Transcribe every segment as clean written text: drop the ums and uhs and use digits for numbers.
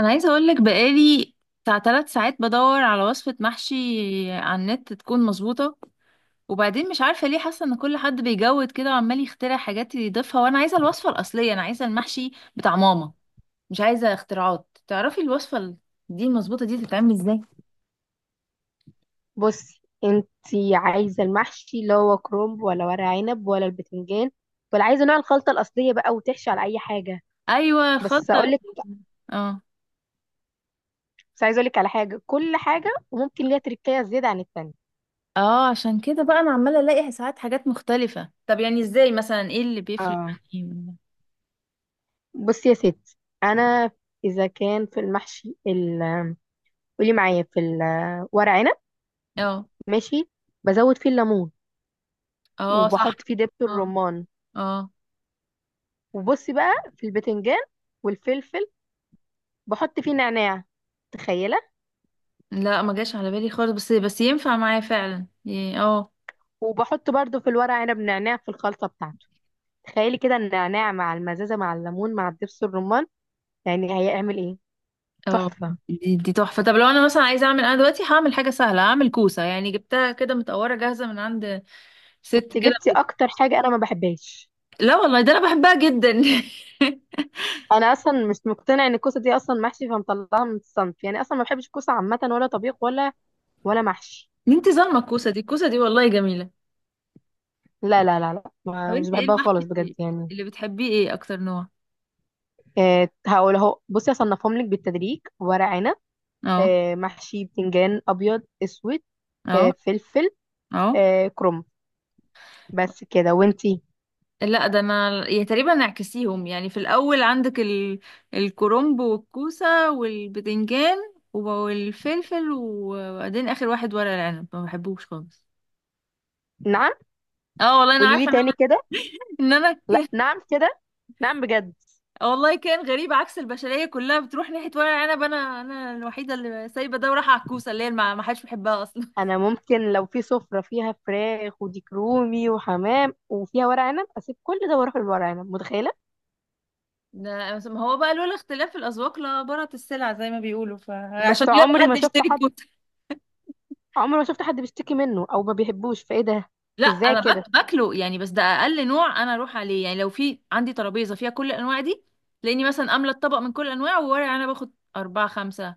انا عايزه اقول لك بقالي بتاع 3 ساعات بدور على وصفه محشي على النت تكون مظبوطه. وبعدين مش عارفه ليه حاسه ان كل حد بيجود كده وعمال يخترع حاجات يضيفها، وانا عايزه الوصفه الاصليه، انا عايزه المحشي بتاع ماما، مش عايزه اختراعات. تعرفي الوصفه دي المظبوطه دي تتعمل ازاي؟ بصي انتي عايزه المحشي اللي هو كرنب ولا ورق عنب ولا البتنجان، ولا عايزه نوع الخلطه الاصليه بقى وتحشي على اي حاجه؟ ايوه بس الخطه اقول لك، ال- اه بس عايزه اقول لك على حاجه، كل حاجه وممكن ليها تركية زياده عن التانية. اه عشان كده بقى انا عماله الاقي ساعات حاجات مختلفه، طب يعني ازاي مثلا، ايه اللي بيفرق اه، يعني؟ بصي يا ستي، انا اذا كان في قولي معايا في الورق عنب، اه. ماشي، بزود فيه الليمون اه صح. وبحط فيه دبس اه. الرمان. اه وبصي بقى في البتنجان والفلفل، بحط فيه نعناع، تخيله. لا، ما جاش على بالي خالص، بس ينفع معايا فعلا وبحط برضو في الورق عنب نعناع في الخلطة بتاعته. تخيلي كده النعناع مع المزازة مع الليمون مع الدبس الرمان، يعني هيعمل ايه؟ اه، تحفة. دي تحفة. طب لو انا مثلا عايزة اعمل، انا دلوقتي هعمل حاجة سهلة، هعمل كوسة، يعني جبتها كده متقورة جاهزة من عند ست انت كده. جبتي اكتر حاجة انا ما بحبهاش. لا والله، ده انا بحبها جدا. انا اصلا مش مقتنع ان الكوسة دي اصلا محشي، فمطلعها من الصنف، يعني اصلا ما بحبش الكوسة عامة، ولا طبيخ ولا ولا محشي. انت ظالمة الكوسة دي، الكوسة دي والله جميلة. لا لا لا لا، طب ما مش انت ايه بحبها خالص بجد المحشي يعني. اللي بتحبيه؟ ايه اكتر نوع؟ إيه، هقول اهو، بصي اصنفهم لك بالتدريج: ورق عنب، اه. إيه محشي بتنجان ابيض اسود، إيه اه. فلفل، اه إيه كرنب، بس كده. وانتي؟ لا، ده انا يا تقريبا نعكسيهم يعني، في الاول عندك الكرنب والكوسه والبتنجان والفلفل، وبعدين اخر واحد ورق العنب ما بحبوش خالص. نعم؟ اه والله انا قولي لي عارفه ان تاني انا. كده. ان انا لا، نعم كده؟ نعم بجد؟ والله كان غريب، عكس البشريه كلها بتروح ناحيه ورق العنب، انا الوحيده اللي سايبه ده ورايحه على الكوسه اللي هي ما حدش بيحبها اصلا. انا ممكن لو في سفرة فيها فراخ وديك رومي وحمام وفيها ورق عنب، اسيب كل ده واروح للورق عنب، متخيلة؟ ده ما هو بقى لولا اختلاف الاذواق لبارت السلع زي ما بيقولوا، فعشان بس يلا عمري حد ما شفت يشتري حد، الكوسه. عمري ما شفت حد بيشتكي منه او ما بيحبوش، فايه ده؟ لا ازاي انا كده؟ باكله يعني، بس ده اقل نوع انا اروح عليه، يعني لو في عندي ترابيزه فيها كل الانواع دي تلاقيني مثلا املى الطبق من كل الانواع، وورق انا باخد 4 5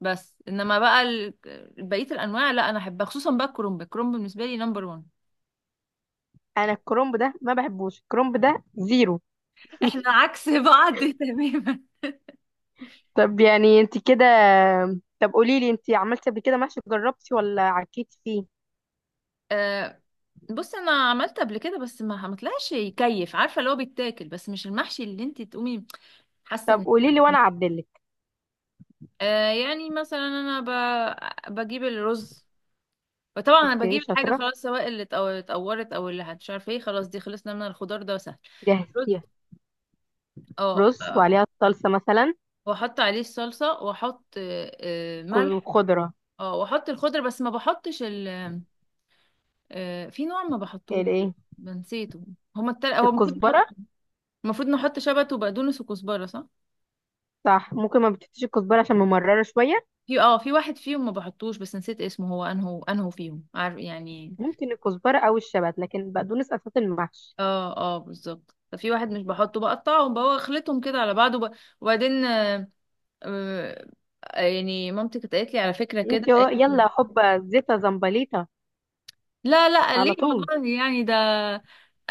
بس. انما بقى بقيه الانواع لا انا احبها، خصوصا بقى الكرنب، الكرنب بالنسبه لي نمبر 1. انا الكرنب ده ما بحبوش، الكرنب ده زيرو. احنا عكس بعض تماما. طب يعني انت كده، طب قولي لي انت عملتي قبل كده محشي، جربتي ولا عكيتي فيه؟ أه. بص انا عملت قبل كده بس ما طلعش يكيف، عارفه اللي هو بيتاكل بس مش المحشي اللي انت تقومي حاسه طب ان قولي كده. لي وانا اعدلك. أه يعني مثلا انا بجيب الرز، فطبعا انا اوكي، بجيب الحاجه شاطرة، خلاص، سواء اللي اتقورت او اللي مش عارفه ايه، خلاص دي خلصنا من الخضار ده سهل. رز. جهزتيها. اه رز وعليها الصلصة مثلا؟ واحط عليه الصلصه، واحط ملح. وخضرة؟ اه واحط الخضر، بس ما بحطش ال في نوع ما بحطوش. الايه؟ بنسيته. هو المفروض نحط. الكزبره؟ المفروض نحط شبت وبقدونس وكزبره صح؟ صح، ممكن ما بتحطيش الكزبره عشان ممرره شويه. في اه، في واحد فيهم ما بحطوش بس نسيت اسمه، هو انهو انهو فيهم عارف يعني. ممكن الكزبره او الشبت، لكن بقدونس اساس المحشي. اه اه بالظبط. ففي واحد مش بحطه، بقطعهم بقى واخلطهم كده على بعض وبعدين آه، يعني مامتي كانت قالت لي على فكرة كده، قالت لي، يلا حبه زيتا زمبليطه، لا لا على ليه طول. والله يعني ده.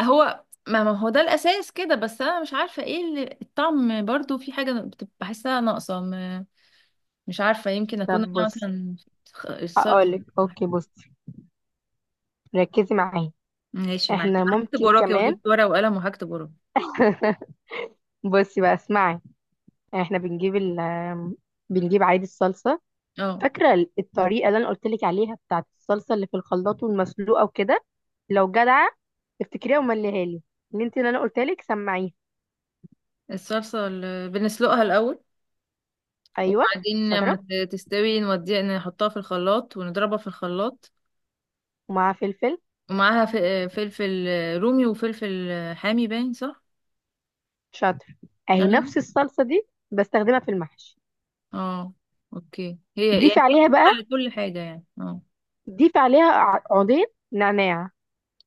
هو ما هو ده الأساس كده، بس أنا مش عارفة ايه اللي الطعم، برضو في حاجة بتبقى بحسها ناقصة مش عارفة، يمكن أكون طب أنا بص، مثلا الصلصة. هقولك اوكي، بصي، ركزي معايا. ماشي معاكي، احنا أنا هكتب ممكن وراكي، كمان. وجبت ورقة وقلم وهكتب وراكي. بصي بقى، اسمعي، احنا بنجيب ال بنجيب عادي الصلصه. اه. فاكره الطريقه اللي انا قلت لك عليها بتاعت الصلصه اللي في الخلاط والمسلوقه وكده؟ لو جدعه افتكريها ومليها لي، اللي انا قلت لك، سمعيها. الصلصة اللي بنسلقها الأول، ايوه، وبعدين لما شاطره. تستوي نوديها، نحطها في الخلاط ونضربها في الخلاط. ومعاها فلفل. ومعاها فلفل رومي وفلفل حامي، باين صح؟ شاطر. اهي ايوه. نفس الصلصه دي بستخدمها في المحشي. اه. اوكي، هي ضيفي يعني هي عليها بتنفع بقى، لكل حاجه يعني، اه. ضيفي عليها عودين نعناع.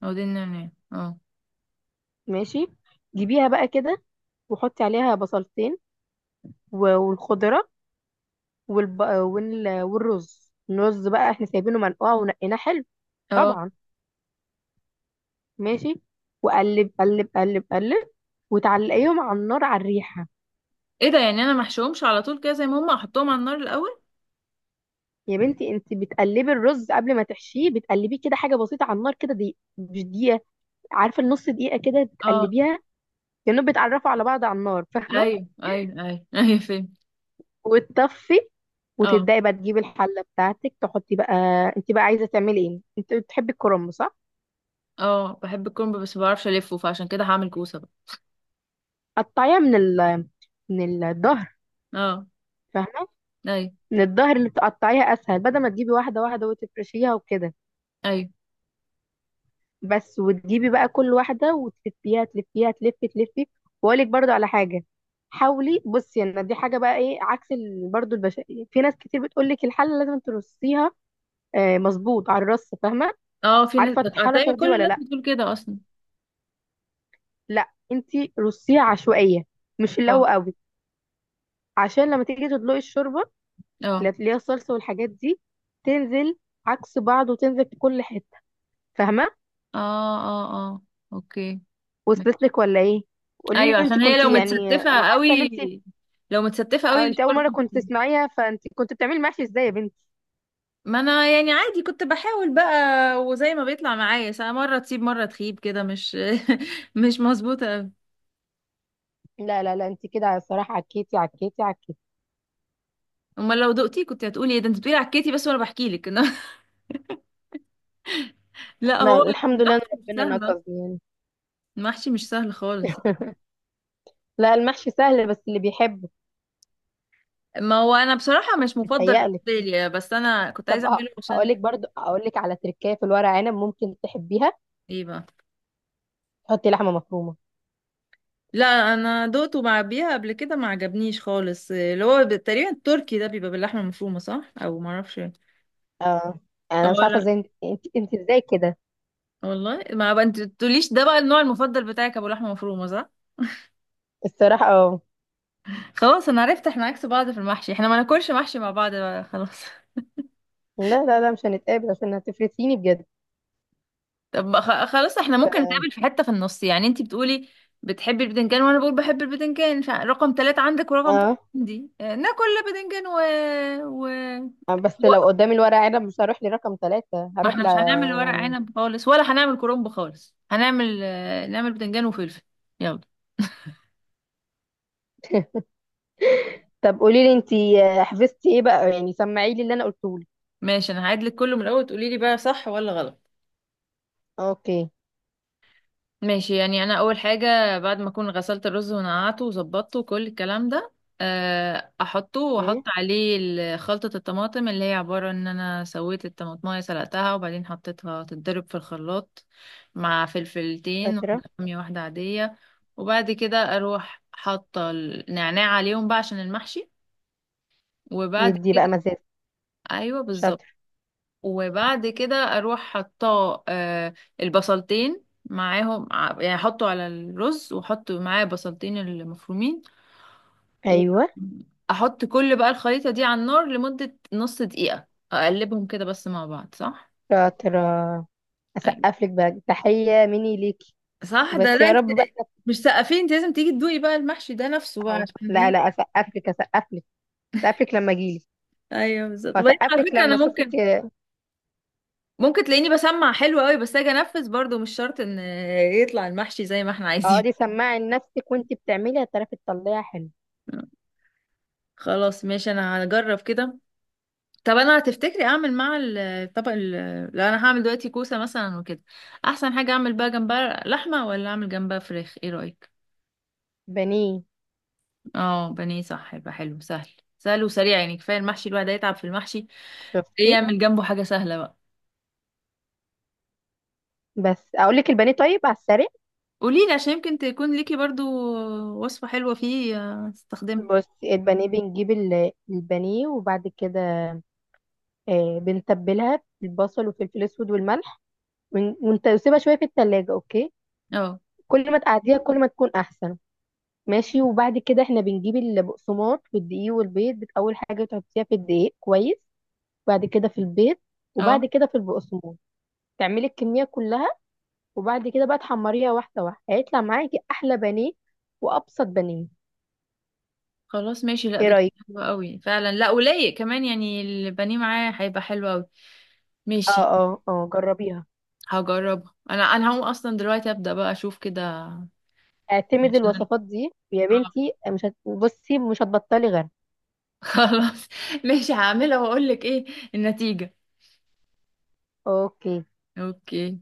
او دي النعناع اه. ماشي، جيبيها بقى كده وحطي عليها بصلتين والخضره والرز. الرز بقى احنا سايبينه منقوع ونقيناه حلو، اه. طبعا. ماشي، وقلب قلب قلب قلب وتعلقيهم على النار على الريحه. ايه ده؟ يعني انا محشوهمش على طول كده زي ما هم، احطهم على النار الاول؟ يا بنتي انت بتقلبي الرز قبل ما تحشيه، بتقلبيه كده حاجه بسيطه على النار، كده دي مش دقيقه، عارفه، النص دقيقه كده اه تقلبيها، كانهم بيتعرفوا على بعض على النار، فاهمه؟ ايوه ايوه ايوه. ايوه فهمت. وتطفي اه. وتبداي بقى تجيبي الحله بتاعتك، تحطي بقى. انت بقى عايزه تعملي ايه؟ انت بتحبي الكرنب، صح؟ اه بحب الكرنب بس ما بعرفش الفه، فعشان كده هعمل كوسه بقى. قطعيها من من الظهر، اه. فاهمه؟ ايوه. من الظهر اللي بتقطعيها اسهل، بدل ما تجيبي واحده واحده وتفرشيها وكده. ايوه. بس، وتجيبي بقى كل واحده وتلفيها، تلفيها تلفي تلفي. واقول لك برضو على حاجه، حاولي بصي، يعني دي حاجه بقى ايه، عكس برضو البشا. في ناس كتير بتقول لك الحله لازم ترصيها، مظبوط على الرص، فاهمه اه في ناس عارفه دايما الحركه دي كل ولا الناس لا؟ بتقول كده اصلا. لا انت رصيها عشوائيه، مش اللي اه هو قوي، عشان لما تيجي تدلقي الشوربه اه اللي هي الصلصه والحاجات دي، تنزل عكس بعض وتنزل في كل حته، فاهمه؟ اه. اه. اه اوكي. وصلت ماشي. لك ولا ايه؟ قولي ايوه لي انت عشان هي كنت، لو يعني انا متستفه حاسه ان قوي، انت، لو متستفه أو قوي انت اول مره الشوربه. كنت تسمعيها، فانت كنت بتعملي محشي ازاي يا بنتي؟ ما انا يعني عادي كنت بحاول بقى، وزي ما بيطلع معايا ساعة، مرة تسيب مرة تخيب كده، مش مش مظبوطة أوي. لا لا لا انت كده الصراحه عكيتي عكيتي عكيتي. امال لو دقتي كنت هتقولي ايه؟ ده انت بتقولي عكيتي بس وانا بحكي لك. لا لا، هو الحمد لله ان المحشي مش ربنا سهل أصلاً. نقذني يعني. المحشي مش سهل خالص. لا المحشي سهل، بس اللي بيحبه. ما هو انا بصراحة مش مفضل متهيألي. بالنسبة لي، بس انا كنت طب عايزة اعمله هقول عشان لك برضو، هقول لك على تركايه في الورق عنب ممكن تحبيها: ايه بقى. تحطي لحمه مفرومه. لا انا دقته مع بيها قبل كده ما عجبنيش خالص، اللي هو تقريبا التركي ده بيبقى باللحمة المفرومة صح؟ او معرفش اه. اه، انا مش عارفه لا ازاي انت ازاي كده. والله، ما بقى انت تقوليش ده بقى النوع المفضل بتاعك ابو لحمه مفرومه صح. الصراحه اه. خلاص انا عرفت، احنا عكس بعض في المحشي، احنا ما ناكلش محشي مع بعض بقى خلاص. لا لا لا مش هنتقابل عشان هتفرسيني بجد. طب بقى خلاص احنا ممكن ف... نتقابل في حته في النص، يعني انت بتقولي بتحبي البتنجان وانا بقول بحب البتنجان، رقم 3 عندك ورقم ثلاثة اه. عندي، ناكل بتنجان و... بس و... لو قدامي الورق عنب مش هروح لرقم ثلاثة، ما هروح احنا ل... مش هنعمل ورق يعني. عنب خالص ولا هنعمل كرنب خالص، هنعمل نعمل بتنجان وفلفل. يلا. طب قولي لي انت حفظتي ايه بقى، يعني سمعي لي اللي انا قلته لك. ماشي انا هعيد لك كله من الاول، تقولي لي بقى صح ولا غلط. اوكي. ماشي يعني انا اول حاجه بعد ما اكون غسلت الرز ونقعته وظبطته وكل الكلام ده احطه واحط ايه؟ عليه خلطه الطماطم اللي هي عباره ان انا سويت الطماطمايه سلقتها وبعدين حطيتها تتضرب في الخلاط مع فلفلتين، واحده شاطرة. حاميه واحده عاديه. وبعد كده اروح حاطه النعناع عليهم بقى عشان المحشي. وبعد دي بقى كده مزاج. ايوه بالظبط. شاطر. وبعد كده اروح حطاه البصلتين معاهم يعني احطه على الرز واحط معاه بصلتين المفرومين، ايوه واحط كل بقى الخليطة دي على النار لمدة نص دقيقة، اقلبهم كده بس مع بعض صح. شاطرة، ايوه اسقف لك بقى تحية مني ليكي. صح، ده بس لا يا انت رب بقى. مش سقفين، انت لازم تيجي تدوقي بقى المحشي ده نفسه بقى اهو عشان لا لا، ايه. اسقف لك اسقف لك، اسقف لك لما اجيلك، ايوه بالظبط. وبعدين واسقف على لك فكرة انا لما اشوفك. ممكن، ممكن تلاقيني بسمع حلو قوي بس اجي انفذ برضو، مش شرط ان يطلع المحشي زي ما احنا عايزين. اقعدي سماعي لنفسك وانت بتعملي، هتعرفي تطلعيها حلو. خلاص ماشي، انا هجرب كده. طب انا هتفتكري اعمل مع الطبق لو انا هعمل دلوقتي كوسه مثلا وكده، احسن حاجه اعمل بقى جنبها لحمه ولا اعمل جنبها فراخ، ايه رايك؟ بانيه. اه بانيه صح، يبقى حلو سهل، سهل وسريع. يعني كفايه المحشي، الواحد هيتعب في المحشي، ايه شفتي؟ يعمل جنبه حاجه سهله بقى. بس اقول لك البانيه طيب على السريع. قولي لي عشان يمكن تكون ليكي برضو وصفه حلوه فيه استخدمها. بصي، البانيه بنجيب البانيه، وبعد كده بنتبلها بالبصل والفلفل الاسود والملح، وانت سيبها شويه في التلاجة، اوكي؟ اه. كل ما تقعديها كل ما تكون احسن. ماشي، وبعد كده احنا بنجيب البقسماط والدقيق والبيض، اول حاجه تحطيها في الدقيق كويس، بعد كده في البيض، اه. وبعد كده في البقسماط، تعملي الكمية كلها. وبعد كده بقى تحمريها واحدة واحدة، هيطلع معاكي أحلى بانيه وأبسط بانيه. خلاص ماشي، لا ايه ده كده رأيك؟ حلو قوي فعلا، لا ولايق كمان يعني، البانيه معاه هيبقى حلو قوي. اه ماشي اه اه، جربيها. هجربها، انا انا هقوم اصلا دلوقتي ابدا بقى اشوف كده اعتمدي عشان الوصفات دي يا اه. بنتي، مش هت... بصي مش هتبطلي غيرها. خلاص. ماشي هعملها واقول لك ايه النتيجة. اوكي. اوكي.